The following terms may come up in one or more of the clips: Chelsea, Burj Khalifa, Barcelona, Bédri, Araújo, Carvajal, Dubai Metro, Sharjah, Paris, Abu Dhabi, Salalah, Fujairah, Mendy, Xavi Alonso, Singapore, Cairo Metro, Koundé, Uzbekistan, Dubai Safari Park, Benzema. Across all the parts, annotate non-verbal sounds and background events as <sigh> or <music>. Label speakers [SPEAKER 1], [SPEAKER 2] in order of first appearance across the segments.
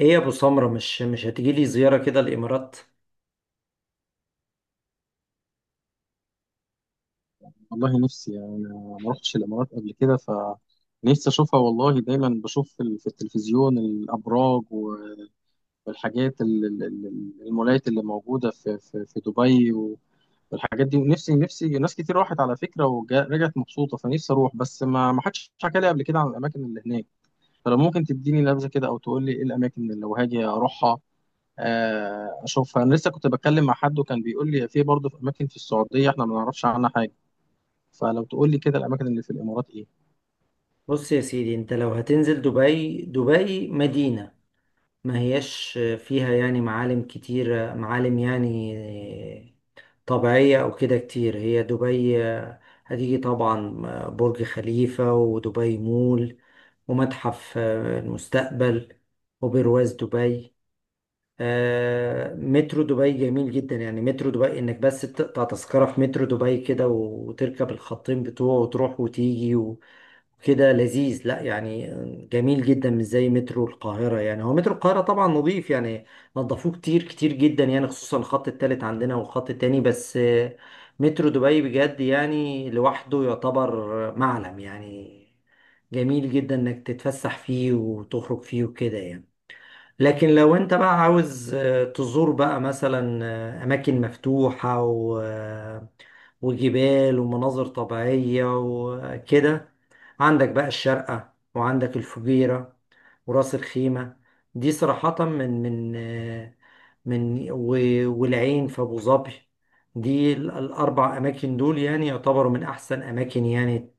[SPEAKER 1] ايه يا ابو سمرة مش هتيجي لي زيارة كده الامارات؟
[SPEAKER 2] والله نفسي يعني أنا ما رحتش الإمارات قبل كده، فنفسي أشوفها. والله دايما بشوف في في التلفزيون الأبراج والحاجات المولات اللي موجودة في دبي والحاجات دي. ونفسي ناس كتير راحت على فكرة ورجعت مبسوطة، فنفسي أروح، بس ما حدش حكى لي قبل كده عن الأماكن اللي هناك. فلو ممكن تديني نبذة كده أو تقول لي إيه الأماكن اللي لو هاجي أروحها، أشوفها. أنا لسه كنت بتكلم مع حد وكان بيقول لي في، برضه في أماكن في السعودية إحنا ما نعرفش عنها حاجة. فلو تقول لي كده الاماكن اللي في الامارات ايه؟
[SPEAKER 1] بص يا سيدي، انت لو هتنزل دبي، دبي مدينة ما هياش فيها يعني معالم كتير، معالم يعني طبيعية او كده كتير. هي دبي هتيجي طبعا برج خليفة ودبي مول ومتحف المستقبل وبرواز دبي. مترو دبي جميل جدا يعني. مترو دبي انك بس تقطع تذكرة في مترو دبي كده وتركب الخطين بتوعه وتروح وتيجي وكده، لذيذ لا يعني. جميل جدا، مش زي مترو القاهرة. يعني هو مترو القاهرة طبعا نظيف يعني، نظفوه كتير كتير جدا يعني، خصوصا الخط التالت عندنا والخط التاني. بس آه، مترو دبي بجد يعني لوحده يعتبر معلم يعني. جميل جدا انك تتفسح فيه وتخرج فيه وكده يعني. لكن لو انت بقى عاوز تزور بقى مثلا اماكن مفتوحة و... آه، وجبال ومناظر طبيعية وكده، عندك بقى الشارقة وعندك الفجيرة وراس الخيمة. دي صراحة من من والعين في أبو ظبي، دي الأربع أماكن دول يعني يعتبروا من أحسن أماكن يعني،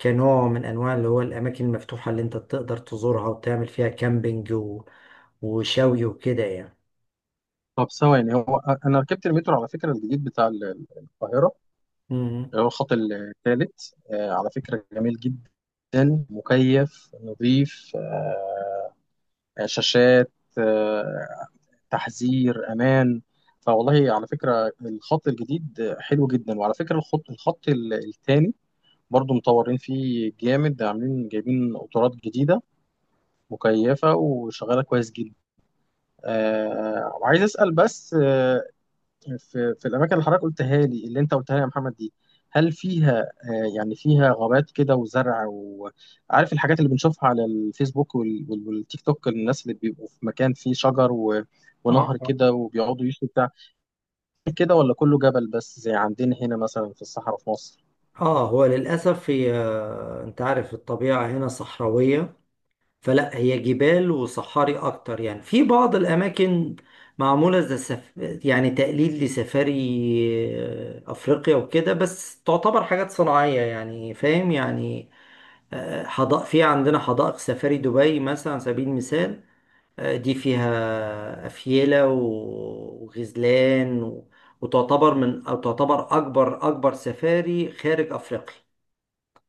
[SPEAKER 1] كنوع من انواع اللي هو الاماكن المفتوحه اللي انت تقدر تزورها وتعمل فيها كامبينج وشوي وكده يعني.
[SPEAKER 2] طب، ثواني. هو انا ركبت المترو على فكره الجديد بتاع القاهره،
[SPEAKER 1] مم.
[SPEAKER 2] اللي هو الخط الثالث. على فكره جميل جدا، مكيف، نظيف. شاشات، آه، تحذير امان. فوالله على فكره الخط الجديد حلو جدا. وعلى فكره الخط الثاني برضو مطورين فيه جامد، عاملين جايبين قطارات جديده مكيفه وشغاله كويس جدا. وعايز اسال بس، في الاماكن اللي حضرتك قلتها لي، اللي انت قلتها لي يا محمد دي، هل فيها يعني فيها غابات كده وزرع، وعارف الحاجات اللي بنشوفها على الفيسبوك والتيك توك، الناس اللي بيبقوا في مكان فيه شجر و...
[SPEAKER 1] اه
[SPEAKER 2] ونهر
[SPEAKER 1] اه.
[SPEAKER 2] كده وبيقعدوا يشوا بتاع كده، ولا كله جبل بس زي عندنا هنا مثلا في الصحراء في مصر؟
[SPEAKER 1] اه هو للاسف هي، انت عارف الطبيعه هنا صحراويه، فلا، هي جبال وصحاري اكتر يعني. في بعض الاماكن معموله زي يعني تقليد لسفاري افريقيا وكده، بس تعتبر حاجات صناعيه يعني، فاهم يعني. حدائق، في عندنا حدائق سفاري دبي مثلا على سبيل المثال، دي فيها أفيلة وغزلان و- وتعتبر من، أو تعتبر أكبر، أكبر سفاري خارج أفريقيا،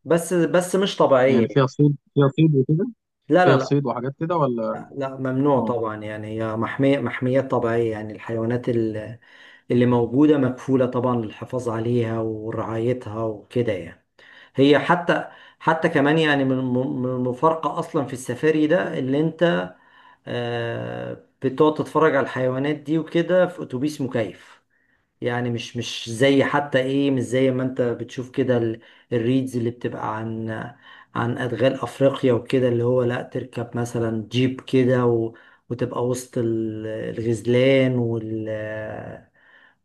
[SPEAKER 1] بس مش
[SPEAKER 2] يعني
[SPEAKER 1] طبيعية. لا لا
[SPEAKER 2] فيها
[SPEAKER 1] لا.
[SPEAKER 2] صيد وحاجات كده ولا؟
[SPEAKER 1] لا، ممنوع
[SPEAKER 2] اه.
[SPEAKER 1] طبعا يعني، هي محمية، محميات طبيعية يعني. الحيوانات اللي موجودة مكفولة طبعا للحفاظ عليها ورعايتها وكده يعني. هي حتى، حتى كمان يعني من المفارقة أصلا في السفاري ده، اللي أنت بتقعد تتفرج على الحيوانات دي وكده في اتوبيس مكيف يعني. مش زي حتى ايه، مش زي ما انت بتشوف كده الريدز اللي بتبقى عن ادغال افريقيا وكده، اللي هو لا، تركب مثلا جيب كده وتبقى وسط الغزلان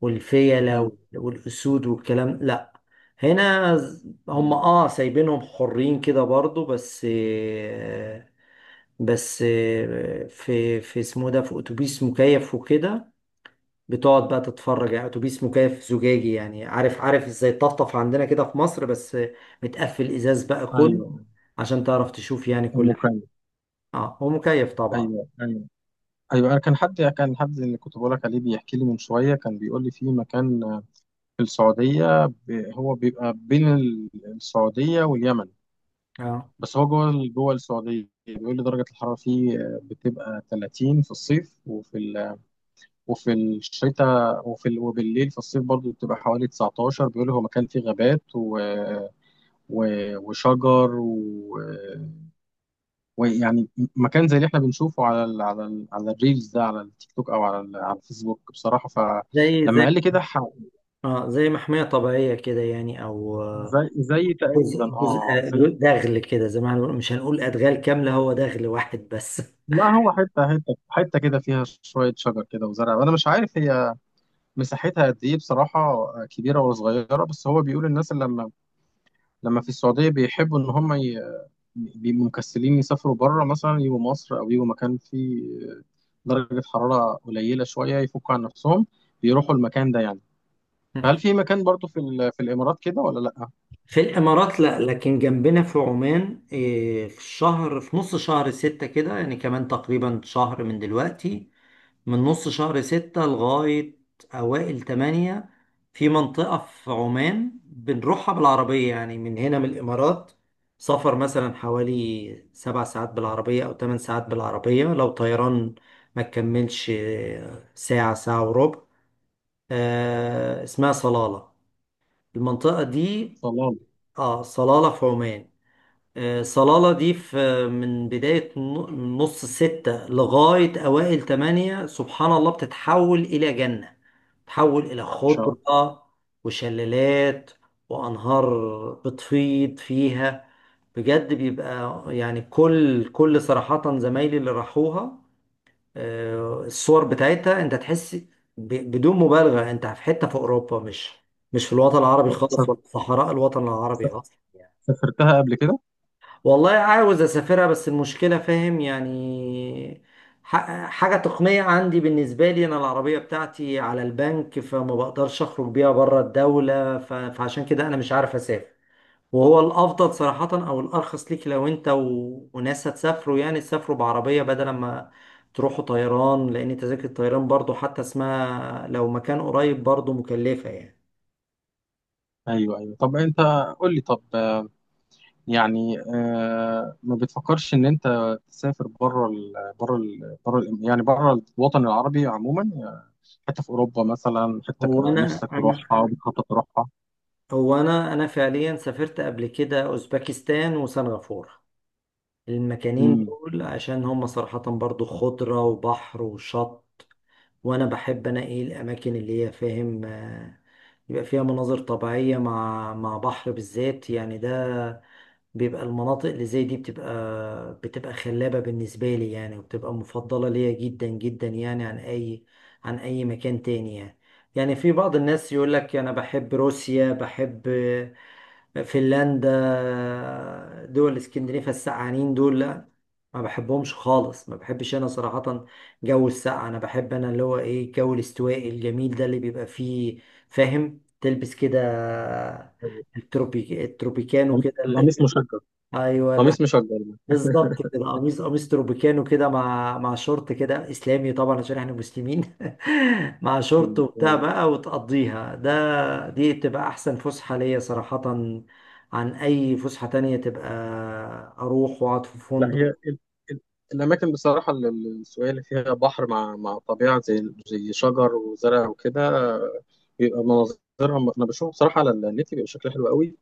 [SPEAKER 1] والفيلة
[SPEAKER 2] ايوه.
[SPEAKER 1] والاسود والكلام، لا. هنا هم
[SPEAKER 2] مم.
[SPEAKER 1] اه سايبينهم حرين كده برضو، بس في، في اسمه ده، في اتوبيس مكيف وكده، بتقعد بقى تتفرج يعني. اتوبيس مكيف زجاجي يعني، عارف عارف ازاي الطفطف عندنا كده في مصر، بس آه، متقفل ازاز بقى
[SPEAKER 2] ايوه.
[SPEAKER 1] كله عشان تعرف تشوف يعني
[SPEAKER 2] ام
[SPEAKER 1] كل حاجه.
[SPEAKER 2] اوكرانيا.
[SPEAKER 1] اه هو مكيف طبعا.
[SPEAKER 2] ايوه، ايوه، ايوه، انا كان حد اللي كنت بقول لك عليه بيحكي لي من شويه، كان بيقول لي في مكان في السعودية، هو بيبقى بين السعودية واليمن،
[SPEAKER 1] اه،
[SPEAKER 2] بس هو جوه جوه السعودية. بيقول لي درجة الحرارة فيه بتبقى 30 في الصيف، وفي الشتاء، وبالليل في الصيف برضه بتبقى حوالي 19. بيقول لي هو مكان فيه غابات و... وشجر ويعني مكان زي اللي احنا بنشوفه على الريلز ده، على التيك توك، او على الفيسبوك بصراحة.
[SPEAKER 1] زي
[SPEAKER 2] فلما
[SPEAKER 1] زي،
[SPEAKER 2] قال لي كده
[SPEAKER 1] اه زي محمية طبيعية كده يعني، او
[SPEAKER 2] زي تقريبا،
[SPEAKER 1] جزء
[SPEAKER 2] اه،
[SPEAKER 1] دغل كده، زي ما احنا بنقول، مش هنقول ادغال كاملة، هو دغل واحد بس.
[SPEAKER 2] لا، هو حتة كده فيها شوية شجر كده وزرع. وأنا مش عارف هي مساحتها قد إيه بصراحة، كبيرة ولا صغيرة، بس هو بيقول الناس اللي لما في السعودية بيحبوا إن هم، بيبقوا مكسلين يسافروا بره، مثلا يجوا مصر أو يجوا مكان فيه درجة حرارة قليلة شوية، يفكوا عن نفسهم، بيروحوا المكان ده يعني. فهل
[SPEAKER 1] <laughs>
[SPEAKER 2] في مكان برضو في في الإمارات كده ولا لأ؟
[SPEAKER 1] في الامارات لا، لكن جنبنا في عمان إيه، في الشهر، في نص شهر ستة كده يعني، كمان تقريبا شهر من دلوقتي، من نص شهر ستة لغاية أوائل تمانية، في منطقة في عمان بنروحها بالعربية يعني من هنا من الإمارات، سفر مثلا حوالي سبع ساعات بالعربية أو تمن ساعات بالعربية. لو طيران ما تكملش إيه، ساعة، ساعة وربع. اسمها صلالة المنطقة دي.
[SPEAKER 2] صلاة.
[SPEAKER 1] اه صلالة في عمان. صلالة دي في، من بداية من نص ستة لغاية أوائل تمانية سبحان الله بتتحول إلى جنة، تحول إلى
[SPEAKER 2] ما شاء الله.
[SPEAKER 1] خضرة وشلالات وأنهار بتفيض فيها. بجد، بيبقى يعني كل صراحة زمايلي اللي راحوها الصور بتاعتها، أنت تحس بدون مبالغة أنت في حتة في أوروبا، مش في الوطن العربي خالص،
[SPEAKER 2] طب،
[SPEAKER 1] ولا في صحراء الوطن العربي أصلا.
[SPEAKER 2] سافرتها قبل كده؟
[SPEAKER 1] والله عاوز اسافرها بس المشكله فاهم يعني، حاجه تقنيه عندي، بالنسبه لي انا العربيه بتاعتي على البنك فما بقدرش اخرج بيها بره الدوله، فعشان كده انا مش عارف اسافر. وهو الافضل صراحه او الارخص ليك لو انت وناس هتسافروا، يعني تسافروا بعربيه بدل ما تروحوا طيران، لان تذاكر الطيران برضو حتى اسمها لو مكان قريب برضو مكلفه يعني.
[SPEAKER 2] أيوه، أيوه، طب أنت، قول لي. طب، يعني ما بتفكرش ان انت تسافر بره ال يعني بره الوطن العربي عموما، يعني حته في اوروبا مثلا،
[SPEAKER 1] هو انا
[SPEAKER 2] نفسك
[SPEAKER 1] انا
[SPEAKER 2] تروحها وبتخطط تروحها؟
[SPEAKER 1] هو انا فعليا سافرت قبل كده اوزبكستان وسنغافورة. المكانين
[SPEAKER 2] امم.
[SPEAKER 1] دول عشان هم صراحة برضو خضرة وبحر وشط، وانا بحب انا ايه الاماكن اللي هي فاهم يبقى فيها مناظر طبيعية مع مع بحر بالذات يعني. ده بيبقى، المناطق اللي زي دي بتبقى خلابة بالنسبة لي يعني، وبتبقى مفضلة ليا جدا جدا يعني عن اي مكان تاني يعني. يعني في بعض الناس يقول لك انا بحب روسيا، بحب فنلندا، دول اسكندنافيا، السقعانين دول لا، ما بحبهمش خالص، ما بحبش انا صراحة جو السقعة. انا بحب انا اللي هو ايه، الجو الاستوائي الجميل ده اللي بيبقى فيه فاهم تلبس كده التروبيكانو كده
[SPEAKER 2] القميص مشجر،
[SPEAKER 1] ايوه
[SPEAKER 2] قميص مشجر ده.
[SPEAKER 1] بالظبط كده، قميص تروبيكانو كده مع مع شورت كده اسلامي طبعا عشان احنا مسلمين. <laughs> مع شورت
[SPEAKER 2] مم.
[SPEAKER 1] وبتاع
[SPEAKER 2] أيوة.
[SPEAKER 1] بقى وتقضيها، ده دي بتبقى احسن فسحة ليا صراحة، عن اي فسحة تانية تبقى اروح واقعد في
[SPEAKER 2] لا،
[SPEAKER 1] فندق.
[SPEAKER 2] هي ال- الاماكن بصراحه السوية اللي فيها بحر مع طبيعه، زي شجر وزرع وكده، آه، بيبقى مناظرها انا بشوفه بصراحه على النت، بيبقى شكلها حلو قوي.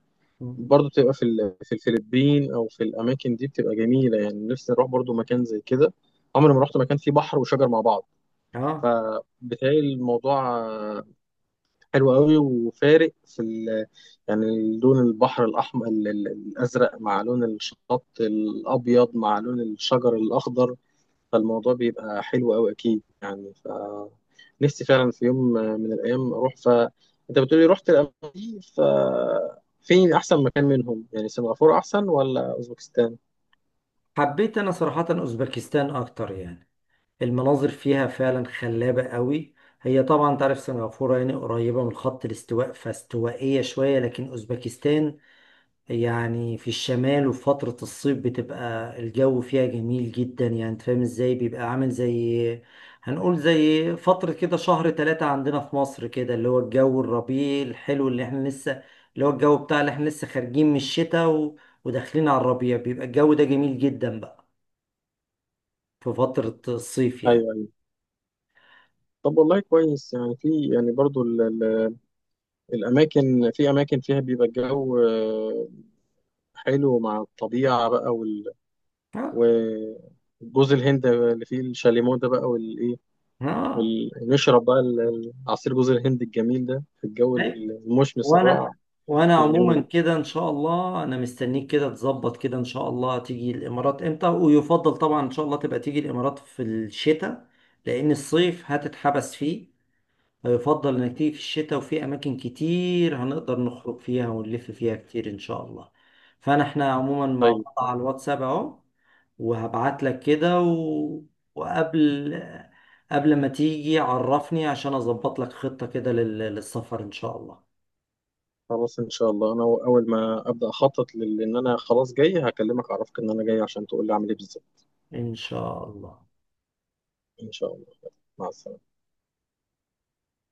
[SPEAKER 2] برضه بتبقى في في الفلبين او في الاماكن دي بتبقى جميله يعني. نفسي اروح برضه مكان زي كده. عمري ما رحت مكان فيه بحر وشجر مع بعض،
[SPEAKER 1] اه
[SPEAKER 2] فبتهيألي الموضوع حلو قوي، وفارق في يعني لون البحر الاحمر الازرق مع لون الشط الابيض مع لون الشجر الاخضر. فالموضوع بيبقى حلو أوي أكيد، يعني نفسي فعلا في يوم من الأيام أروح. أنت بتقولي رحت الأماكن دي، فين أحسن مكان منهم؟ يعني سنغافورة أحسن ولا أوزبكستان؟
[SPEAKER 1] حبيت انا صراحة اوزبكستان اكتر يعني، المناظر فيها فعلا خلابة قوي. هي طبعا تعرف سنغافورة يعني قريبة من خط الاستواء فاستوائية شوية، لكن اوزبكستان يعني في الشمال، وفي فترة الصيف بتبقى الجو فيها جميل جدا يعني. انت فاهم ازاي بيبقى عامل زي، هنقول زي فترة كده شهر تلاتة عندنا في مصر كده، اللي هو الجو الربيع الحلو اللي احنا لسه، اللي هو الجو بتاع اللي احنا لسه خارجين من الشتاء وداخلين على الربيع، بيبقى الجو ده جميل جدا بقى في فترة الصيف يعني.
[SPEAKER 2] أيوه، أيوه. طب والله كويس، يعني في، يعني برضو الأماكن، في أماكن فيها بيبقى الجو حلو مع الطبيعة بقى،
[SPEAKER 1] ها.
[SPEAKER 2] و- جوز الهند اللي فيه الشاليمو ده بقى، والإيه، ونشرب بقى عصير جوز الهند الجميل ده في الجو
[SPEAKER 1] ها.
[SPEAKER 2] المشمس الرائع.
[SPEAKER 1] وانا وانا
[SPEAKER 2] يبقى
[SPEAKER 1] عموما
[SPEAKER 2] جميل.
[SPEAKER 1] كده ان شاء الله انا مستنيك كده تظبط كده ان شاء الله تيجي الامارات امتى، ويفضل طبعا ان شاء الله تبقى تيجي الامارات في الشتاء، لان الصيف هتتحبس فيه، فيفضل انك تيجي في الشتاء، وفي اماكن كتير هنقدر نخرج فيها ونلف فيها كتير ان شاء الله. فانا احنا عموما مع
[SPEAKER 2] طيب،
[SPEAKER 1] بعض على الواتساب اهو، وهبعت لك كده وقبل ما تيجي عرفني عشان اظبط لك خطة كده للسفر ان شاء الله.
[SPEAKER 2] خلاص، ان شاء الله انا اول ما ابدا اخطط، لان انا خلاص جاي هكلمك اعرفك ان انا جاي عشان تقول لي اعمل ايه بالظبط.
[SPEAKER 1] إن شاء الله.
[SPEAKER 2] ان شاء الله. مع السلامه.